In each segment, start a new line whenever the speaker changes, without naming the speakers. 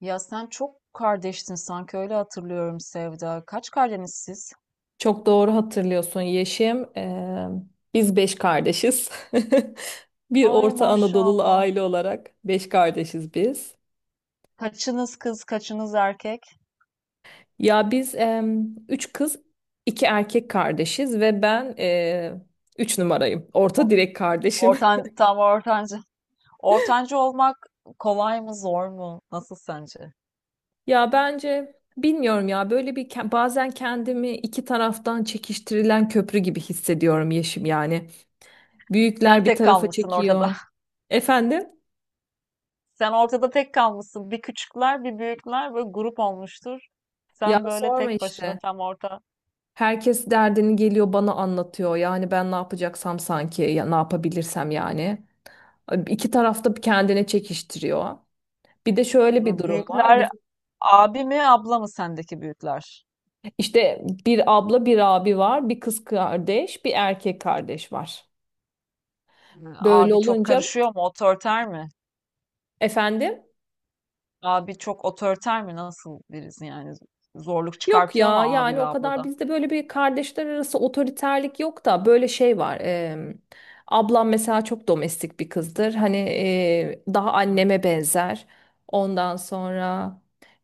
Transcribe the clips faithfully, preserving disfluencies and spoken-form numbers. Ya sen çok kardeştin sanki öyle hatırlıyorum Sevda. Kaç kardeşsiniz siz?
Çok doğru hatırlıyorsun Yeşim. Ee, biz beş kardeşiz. Bir
Ay
Orta Anadolu'lu
maşallah.
aile olarak beş kardeşiz biz.
Kaçınız kız, kaçınız erkek?
Ya biz em, üç kız, iki erkek kardeşiz ve ben e, üç numarayım. Orta
O-
direk kardeşim.
Ortan, tam ortancı. Ortancı olmak kolay mı, zor mu? Nasıl sence?
Ya bence bilmiyorum ya böyle bir ke- bazen kendimi iki taraftan çekiştirilen köprü gibi hissediyorum Yeşim yani.
Sen
Büyükler bir
tek
tarafa
kalmışsın ortada.
çekiyor. Efendim?
Sen ortada tek kalmışsın. Bir küçükler, bir büyükler böyle grup olmuştur.
Ya
Sen böyle
sorma
tek başına
işte.
tam orta.
Herkes derdini geliyor bana anlatıyor. Yani ben ne yapacaksam sanki ya ne yapabilirsem yani. İki tarafta kendine çekiştiriyor. Bir de şöyle bir durum var.
Büyükler
Biz,
abi mi, abla mı sendeki büyükler?
işte bir abla bir abi var. Bir kız kardeş bir erkek kardeş var. Böyle
Abi çok
olunca
karışıyor mu, otoriter mi?
efendim.
Abi çok otoriter mi? Nasıl birisi yani? Zorluk
Yok
çıkartıyor
ya
mu abi
yani
ve
o kadar
ablada?
bizde böyle bir kardeşler arası otoriterlik yok da böyle şey var. Em, ablam mesela çok domestik bir kızdır. Hani e, daha anneme
Hmm.
benzer. Ondan sonra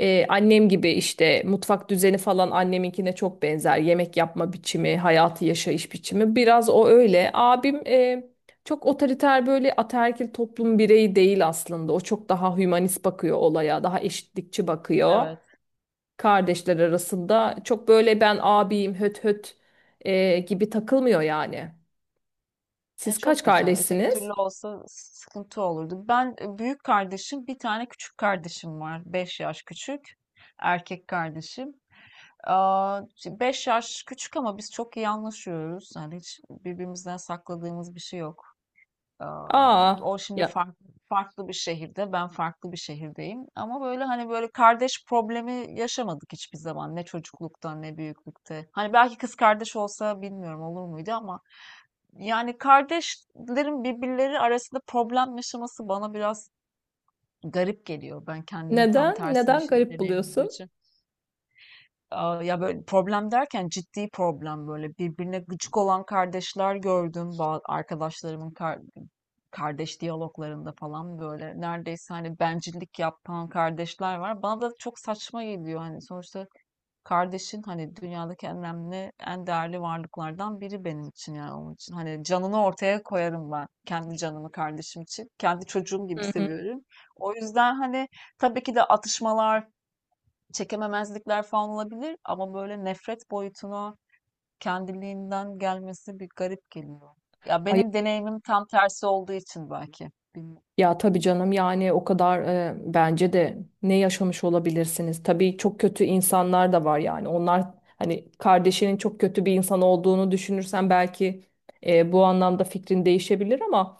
e, annem gibi işte mutfak düzeni falan anneminkine çok benzer. Yemek yapma biçimi, hayatı yaşayış biçimi biraz o öyle. Abim e, çok otoriter böyle ataerkil toplum bireyi değil aslında. O çok daha hümanist bakıyor olaya, daha eşitlikçi bakıyor
Evet.
kardeşler arasında çok böyle ben abiyim höt höt e, gibi takılmıyor yani.
E,
Siz
çok
kaç
güzel. Öteki
kardeşsiniz?
türlü olsa sıkıntı olurdu. Ben e, büyük kardeşim, bir tane küçük kardeşim var. Beş yaş küçük. Erkek kardeşim. Aa, beş yaş küçük ama biz çok iyi anlaşıyoruz. Yani hiç birbirimizden sakladığımız bir şey yok. Aa,
Aa,
o şimdi
ya
farklı farklı bir şehirde, ben farklı bir şehirdeyim. Ama böyle hani böyle kardeş problemi yaşamadık hiçbir zaman. Ne çocuklukta ne büyüklükte. Hani belki kız kardeş olsa bilmiyorum olur muydu ama yani kardeşlerin birbirleri arasında problem yaşaması bana biraz garip geliyor. Ben kendim tam
neden
tersi bir
neden
şey
garip
deneyim olduğu
buluyorsun?
için. Aa, ya böyle problem derken ciddi problem böyle birbirine gıcık olan kardeşler gördüm ba- arkadaşlarımın kar- kardeş diyaloglarında falan böyle neredeyse hani bencillik yapan kardeşler var. Bana da çok saçma geliyor hani sonuçta kardeşin hani dünyadaki en önemli en değerli varlıklardan biri benim için yani onun için hani canını ortaya koyarım ben kendi canımı kardeşim için kendi çocuğum gibi
Hı hı.
seviyorum. O yüzden hani tabii ki de atışmalar çekememezlikler falan olabilir ama böyle nefret boyutuna kendiliğinden gelmesi bir garip geliyor. Ya
Ay,
benim deneyimim tam tersi olduğu için belki. Bilmiyorum.
ya tabii canım yani o kadar e, bence de ne yaşamış olabilirsiniz. Tabii çok kötü insanlar da var yani. Onlar hani kardeşinin çok kötü bir insan olduğunu düşünürsen belki e, bu anlamda fikrin değişebilir ama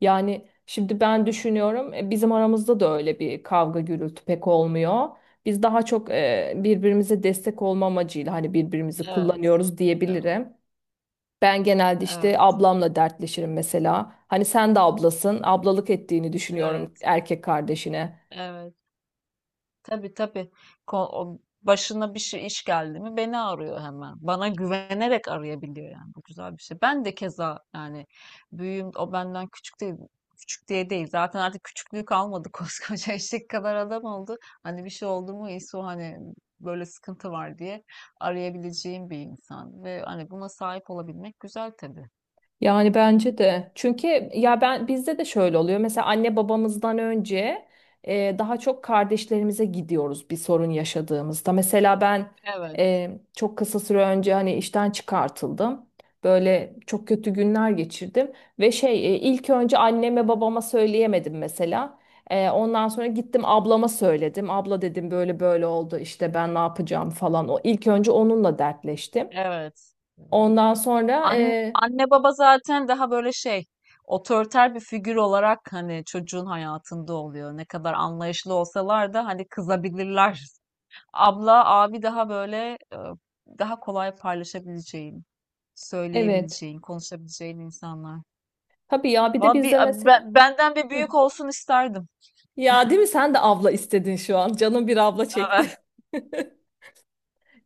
yani şimdi ben düşünüyorum e, bizim aramızda da öyle bir kavga gürültü pek olmuyor. Biz daha çok e, birbirimize destek olma amacıyla hani birbirimizi
Evet.
kullanıyoruz
Evet.
diyebilirim. Ben genelde işte
Evet.
ablamla dertleşirim mesela. Hani sen de ablasın. Ablalık ettiğini düşünüyorum
Evet.
erkek kardeşine.
Evet. Tabii, tabii. Ko- o başına bir şey iş geldi mi beni arıyor hemen. Bana güvenerek arayabiliyor yani. Bu güzel bir şey. Ben de keza yani büyüğüm, o benden küçük değil. Küçük diye değil. Zaten artık küçüklüğü kalmadı. Koskoca eşek kadar adam oldu. Hani bir şey oldu mu İso, hani böyle sıkıntı var diye arayabileceğim bir insan. Ve hani buna sahip olabilmek güzel tabii.
Yani bence de. Çünkü ya ben bizde de şöyle oluyor. Mesela anne babamızdan önce e, daha çok kardeşlerimize gidiyoruz bir sorun yaşadığımızda. Mesela ben
Evet,
e, çok kısa süre önce hani işten çıkartıldım. Böyle çok kötü günler geçirdim ve şey e, ilk önce anneme babama söyleyemedim mesela. E, ondan sonra gittim ablama söyledim. Abla dedim böyle böyle oldu işte ben ne yapacağım falan. O ilk önce onunla dertleştim.
evet.
Ondan sonra
Anne,
e,
anne baba zaten daha böyle şey, otoriter bir figür olarak hani çocuğun hayatında oluyor. Ne kadar anlayışlı olsalar da hani kızabilirler. Abla, abi daha böyle e, daha kolay paylaşabileceğin,
evet.
söyleyebileceğin, konuşabileceğin insanlar.
Tabii ya bir de
Vallahi
bizde
bir,
mesela.
a- benden bir
Hı.
büyük olsun isterdim.
Ya değil mi, sen de abla istedin şu an. Canım bir abla çekti.
Evet.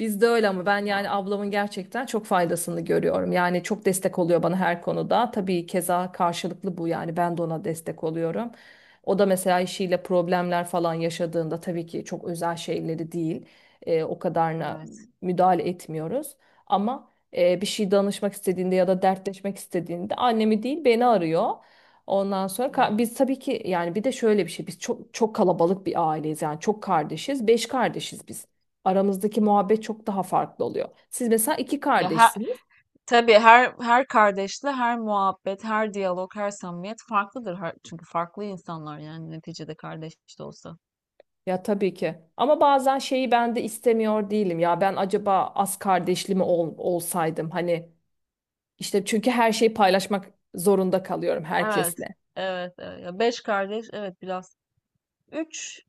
Bizde öyle ama ben yani
Vallahi.
ablamın gerçekten çok faydasını görüyorum. Yani çok destek oluyor bana her konuda. Tabii keza karşılıklı bu yani ben de ona destek oluyorum. O da mesela işiyle problemler falan yaşadığında tabii ki çok özel şeyleri değil. E, o kadarına
Evet.
müdahale etmiyoruz. Ama e, bir şey danışmak istediğinde ya da dertleşmek istediğinde annemi değil beni arıyor. Ondan sonra ka-
Hmm.
biz tabii ki yani bir de şöyle bir şey biz çok çok kalabalık bir aileyiz yani çok kardeşiz beş kardeşiz biz aramızdaki muhabbet çok daha farklı oluyor. Siz mesela iki
Ya her,
kardeşsiniz.
tabii her her kardeşle her muhabbet, her diyalog, her samimiyet farklıdır. Her- çünkü farklı insanlar, yani neticede kardeş de olsa.
Ya tabii ki. Ama bazen şeyi ben de istemiyor değilim. Ya ben acaba az kardeşli mi ol- olsaydım? Hani işte çünkü her şeyi paylaşmak zorunda kalıyorum
Evet,
herkesle.
evet, evet. Ya beş kardeş, evet biraz. Üç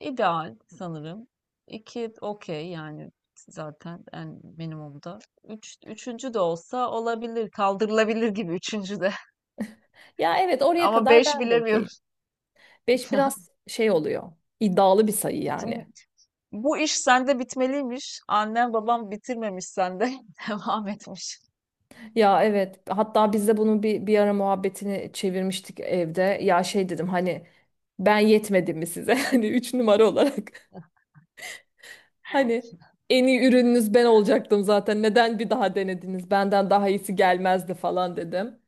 ideal sanırım. İki okey yani zaten en minimumda. Üç, üçüncü de olsa olabilir, kaldırılabilir gibi üçüncü de.
Ya evet, oraya
Ama
kadar
beş
ben de
bilemiyorum.
okeyim. Beş biraz şey oluyor. İddialı bir sayı
Şimdi
yani.
bu iş sende bitmeliymiş. Annem babam bitirmemiş sende. Devam etmiş.
Ya evet, hatta biz de bunun bir, bir ara muhabbetini çevirmiştik evde. Ya şey dedim hani ben yetmedim mi size? Hani üç numara olarak. Hani en iyi ürününüz ben olacaktım zaten. Neden bir daha denediniz? Benden daha iyisi gelmezdi falan dedim.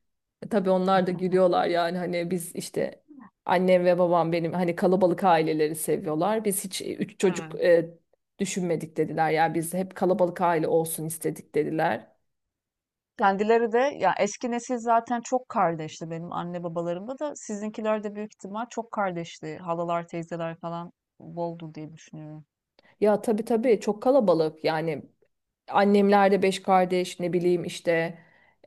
E, tabii onlar da gülüyorlar yani hani biz işte annem ve babam benim hani kalabalık aileleri seviyorlar. Biz hiç e, üç çocuk
Evet.
e, düşünmedik dediler. Yani biz hep kalabalık aile olsun istedik dediler.
Kendileri de ya eski nesil, zaten çok kardeşti. Benim anne babalarımda da, sizinkiler de büyük ihtimal çok kardeşti. Halalar, teyzeler falan boldu diye düşünüyorum.
Ya tabii tabii, çok kalabalık yani annemler de beş kardeş ne bileyim işte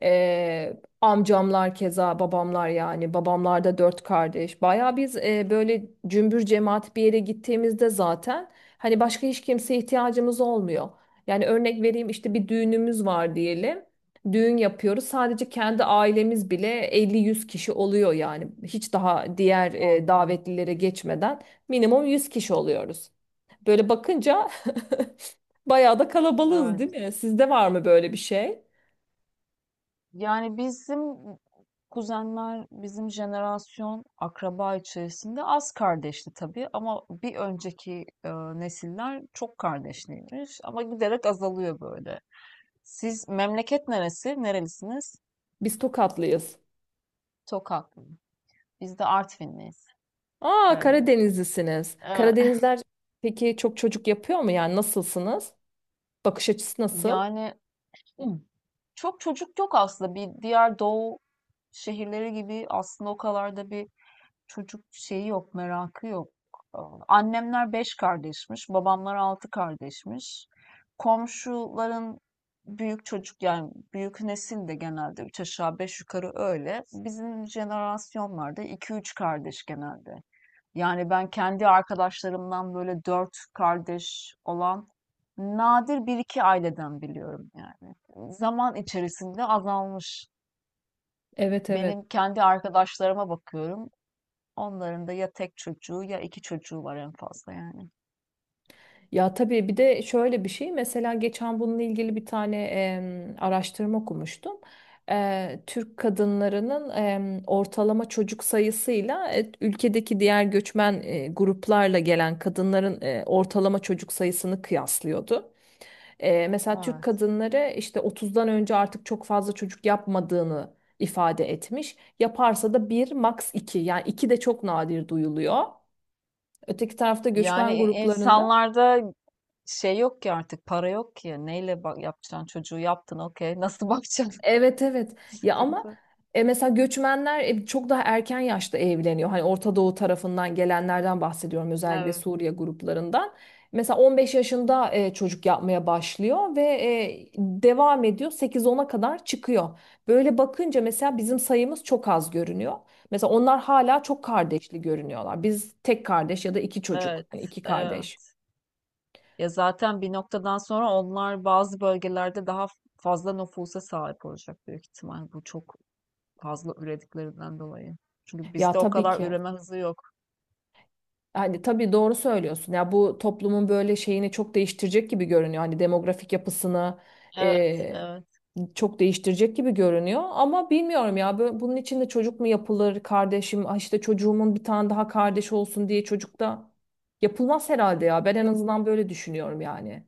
eee, amcamlar keza babamlar yani babamlar da dört kardeş. Baya biz eee, böyle cümbür cemaat bir yere gittiğimizde zaten hani başka hiç kimseye ihtiyacımız olmuyor. Yani örnek vereyim işte bir düğünümüz var diyelim. Düğün yapıyoruz sadece kendi ailemiz bile elli yüz kişi oluyor yani hiç daha diğer eee,
Oha.
davetlilere geçmeden minimum yüz kişi oluyoruz. Böyle bakınca bayağı da kalabalığız değil
Evet.
mi? Sizde var mı böyle bir şey?
Yani bizim kuzenler, bizim jenerasyon akraba içerisinde az kardeşti tabii, ama bir önceki e, nesiller çok kardeşliymiş, ama giderek azalıyor böyle. Siz memleket neresi? Nerelisiniz?
Biz Tokatlıyız.
Tokatlı. Biz de Artvinliyiz,
Aa
Karadenizli.
Karadenizlisiniz. Karadenizler peki çok çocuk yapıyor mu? Yani nasılsınız? Bakış açısı nasıl?
Yani hmm, çok çocuk yok aslında. Bir diğer doğu şehirleri gibi aslında o kadar da bir çocuk şeyi yok, merakı yok. Ee, Annemler beş kardeşmiş, babamlar altı kardeşmiş. Komşuların büyük çocuk yani büyük nesil de genelde üç aşağı beş yukarı öyle. Bizim jenerasyonlarda iki üç kardeş genelde. Yani ben kendi arkadaşlarımdan böyle dört kardeş olan nadir bir iki aileden biliyorum yani. Zaman içerisinde azalmış.
Evet, evet.
Benim kendi arkadaşlarıma bakıyorum. Onların da ya tek çocuğu ya iki çocuğu var en fazla yani.
Ya tabii bir de şöyle bir şey mesela geçen bununla ilgili bir tane em, araştırma okumuştum. Eee, Türk kadınlarının em, ortalama çocuk sayısıyla e, ülkedeki diğer göçmen e, gruplarla gelen kadınların e, ortalama çocuk sayısını kıyaslıyordu. Eee, mesela Türk
Evet.
kadınları işte otuzdan önce artık çok fazla çocuk yapmadığını ifade etmiş. Yaparsa da bir max iki yani iki de çok nadir duyuluyor. Öteki tarafta
Yani
göçmen
i-
gruplarında
insanlarda şey yok ki, artık para yok ki. Neyle bak yapacaksın? Çocuğu yaptın okey. Nasıl bakacaksın?
evet evet, ya ama
Sıkıntı.
e, mesela göçmenler e, çok daha erken yaşta evleniyor. Hani Orta Doğu tarafından gelenlerden bahsediyorum özellikle
Evet.
Suriye gruplarından. Mesela on beş yaşında e, çocuk yapmaya başlıyor ve e, devam ediyor sekiz ona kadar çıkıyor. Böyle bakınca mesela bizim sayımız çok az görünüyor. Mesela onlar hala çok kardeşli görünüyorlar. Biz tek kardeş ya da iki çocuk,
Evet.
hani iki kardeş.
Evet. Ya zaten bir noktadan sonra onlar bazı bölgelerde daha fazla nüfusa sahip olacak büyük ihtimal. Bu çok fazla ürediklerinden dolayı. Çünkü
Ya
bizde o
tabii
kadar
ki.
üreme hızı yok.
Hani tabii doğru söylüyorsun. Ya bu toplumun böyle şeyini çok değiştirecek gibi görünüyor. Hani demografik yapısını
Evet,
e,
evet.
çok değiştirecek gibi görünüyor. Ama bilmiyorum ya bö- bunun için de çocuk mu yapılır kardeşim? Ah işte çocuğumun bir tane daha kardeş olsun diye çocuk da yapılmaz herhalde ya. Ben en
Yo-
azından böyle düşünüyorum yani.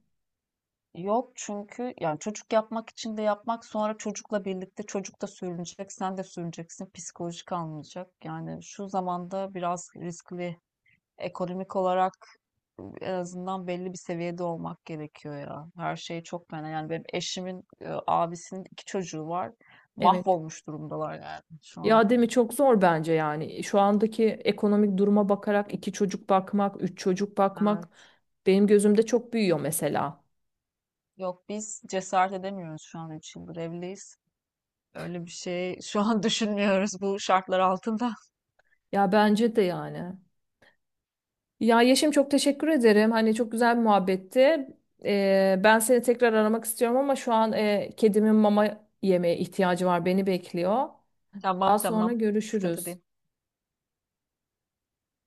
Yok, çünkü yani çocuk yapmak için de yapmak, sonra çocukla birlikte çocuk da sürünecek, sen de sürüneceksin, psikolojik almayacak. Yani şu zamanda biraz riskli, ekonomik olarak en azından belli bir seviyede olmak gerekiyor ya. Her şey çok fena. Yani benim eşimin e, abisinin iki çocuğu var.
Evet.
Mahvolmuş durumdalar yani şu an.
Ya değil mi, çok zor bence yani. Şu andaki ekonomik duruma bakarak iki çocuk bakmak, üç çocuk bakmak
Evet.
benim gözümde çok büyüyor mesela.
Yok, biz cesaret edemiyoruz şu an, üç yıldır evliyiz. Öyle bir şey şu an düşünmüyoruz bu şartlar altında.
Ya bence de yani. Ya Yeşim çok teşekkür ederim. Hani çok güzel bir muhabbetti. Ee, ben seni tekrar aramak istiyorum ama şu an e, kedimin mama yemeye ihtiyacı var. Beni bekliyor.
Tamam,
Daha sonra
tamam. Sıkıntı
görüşürüz.
değil.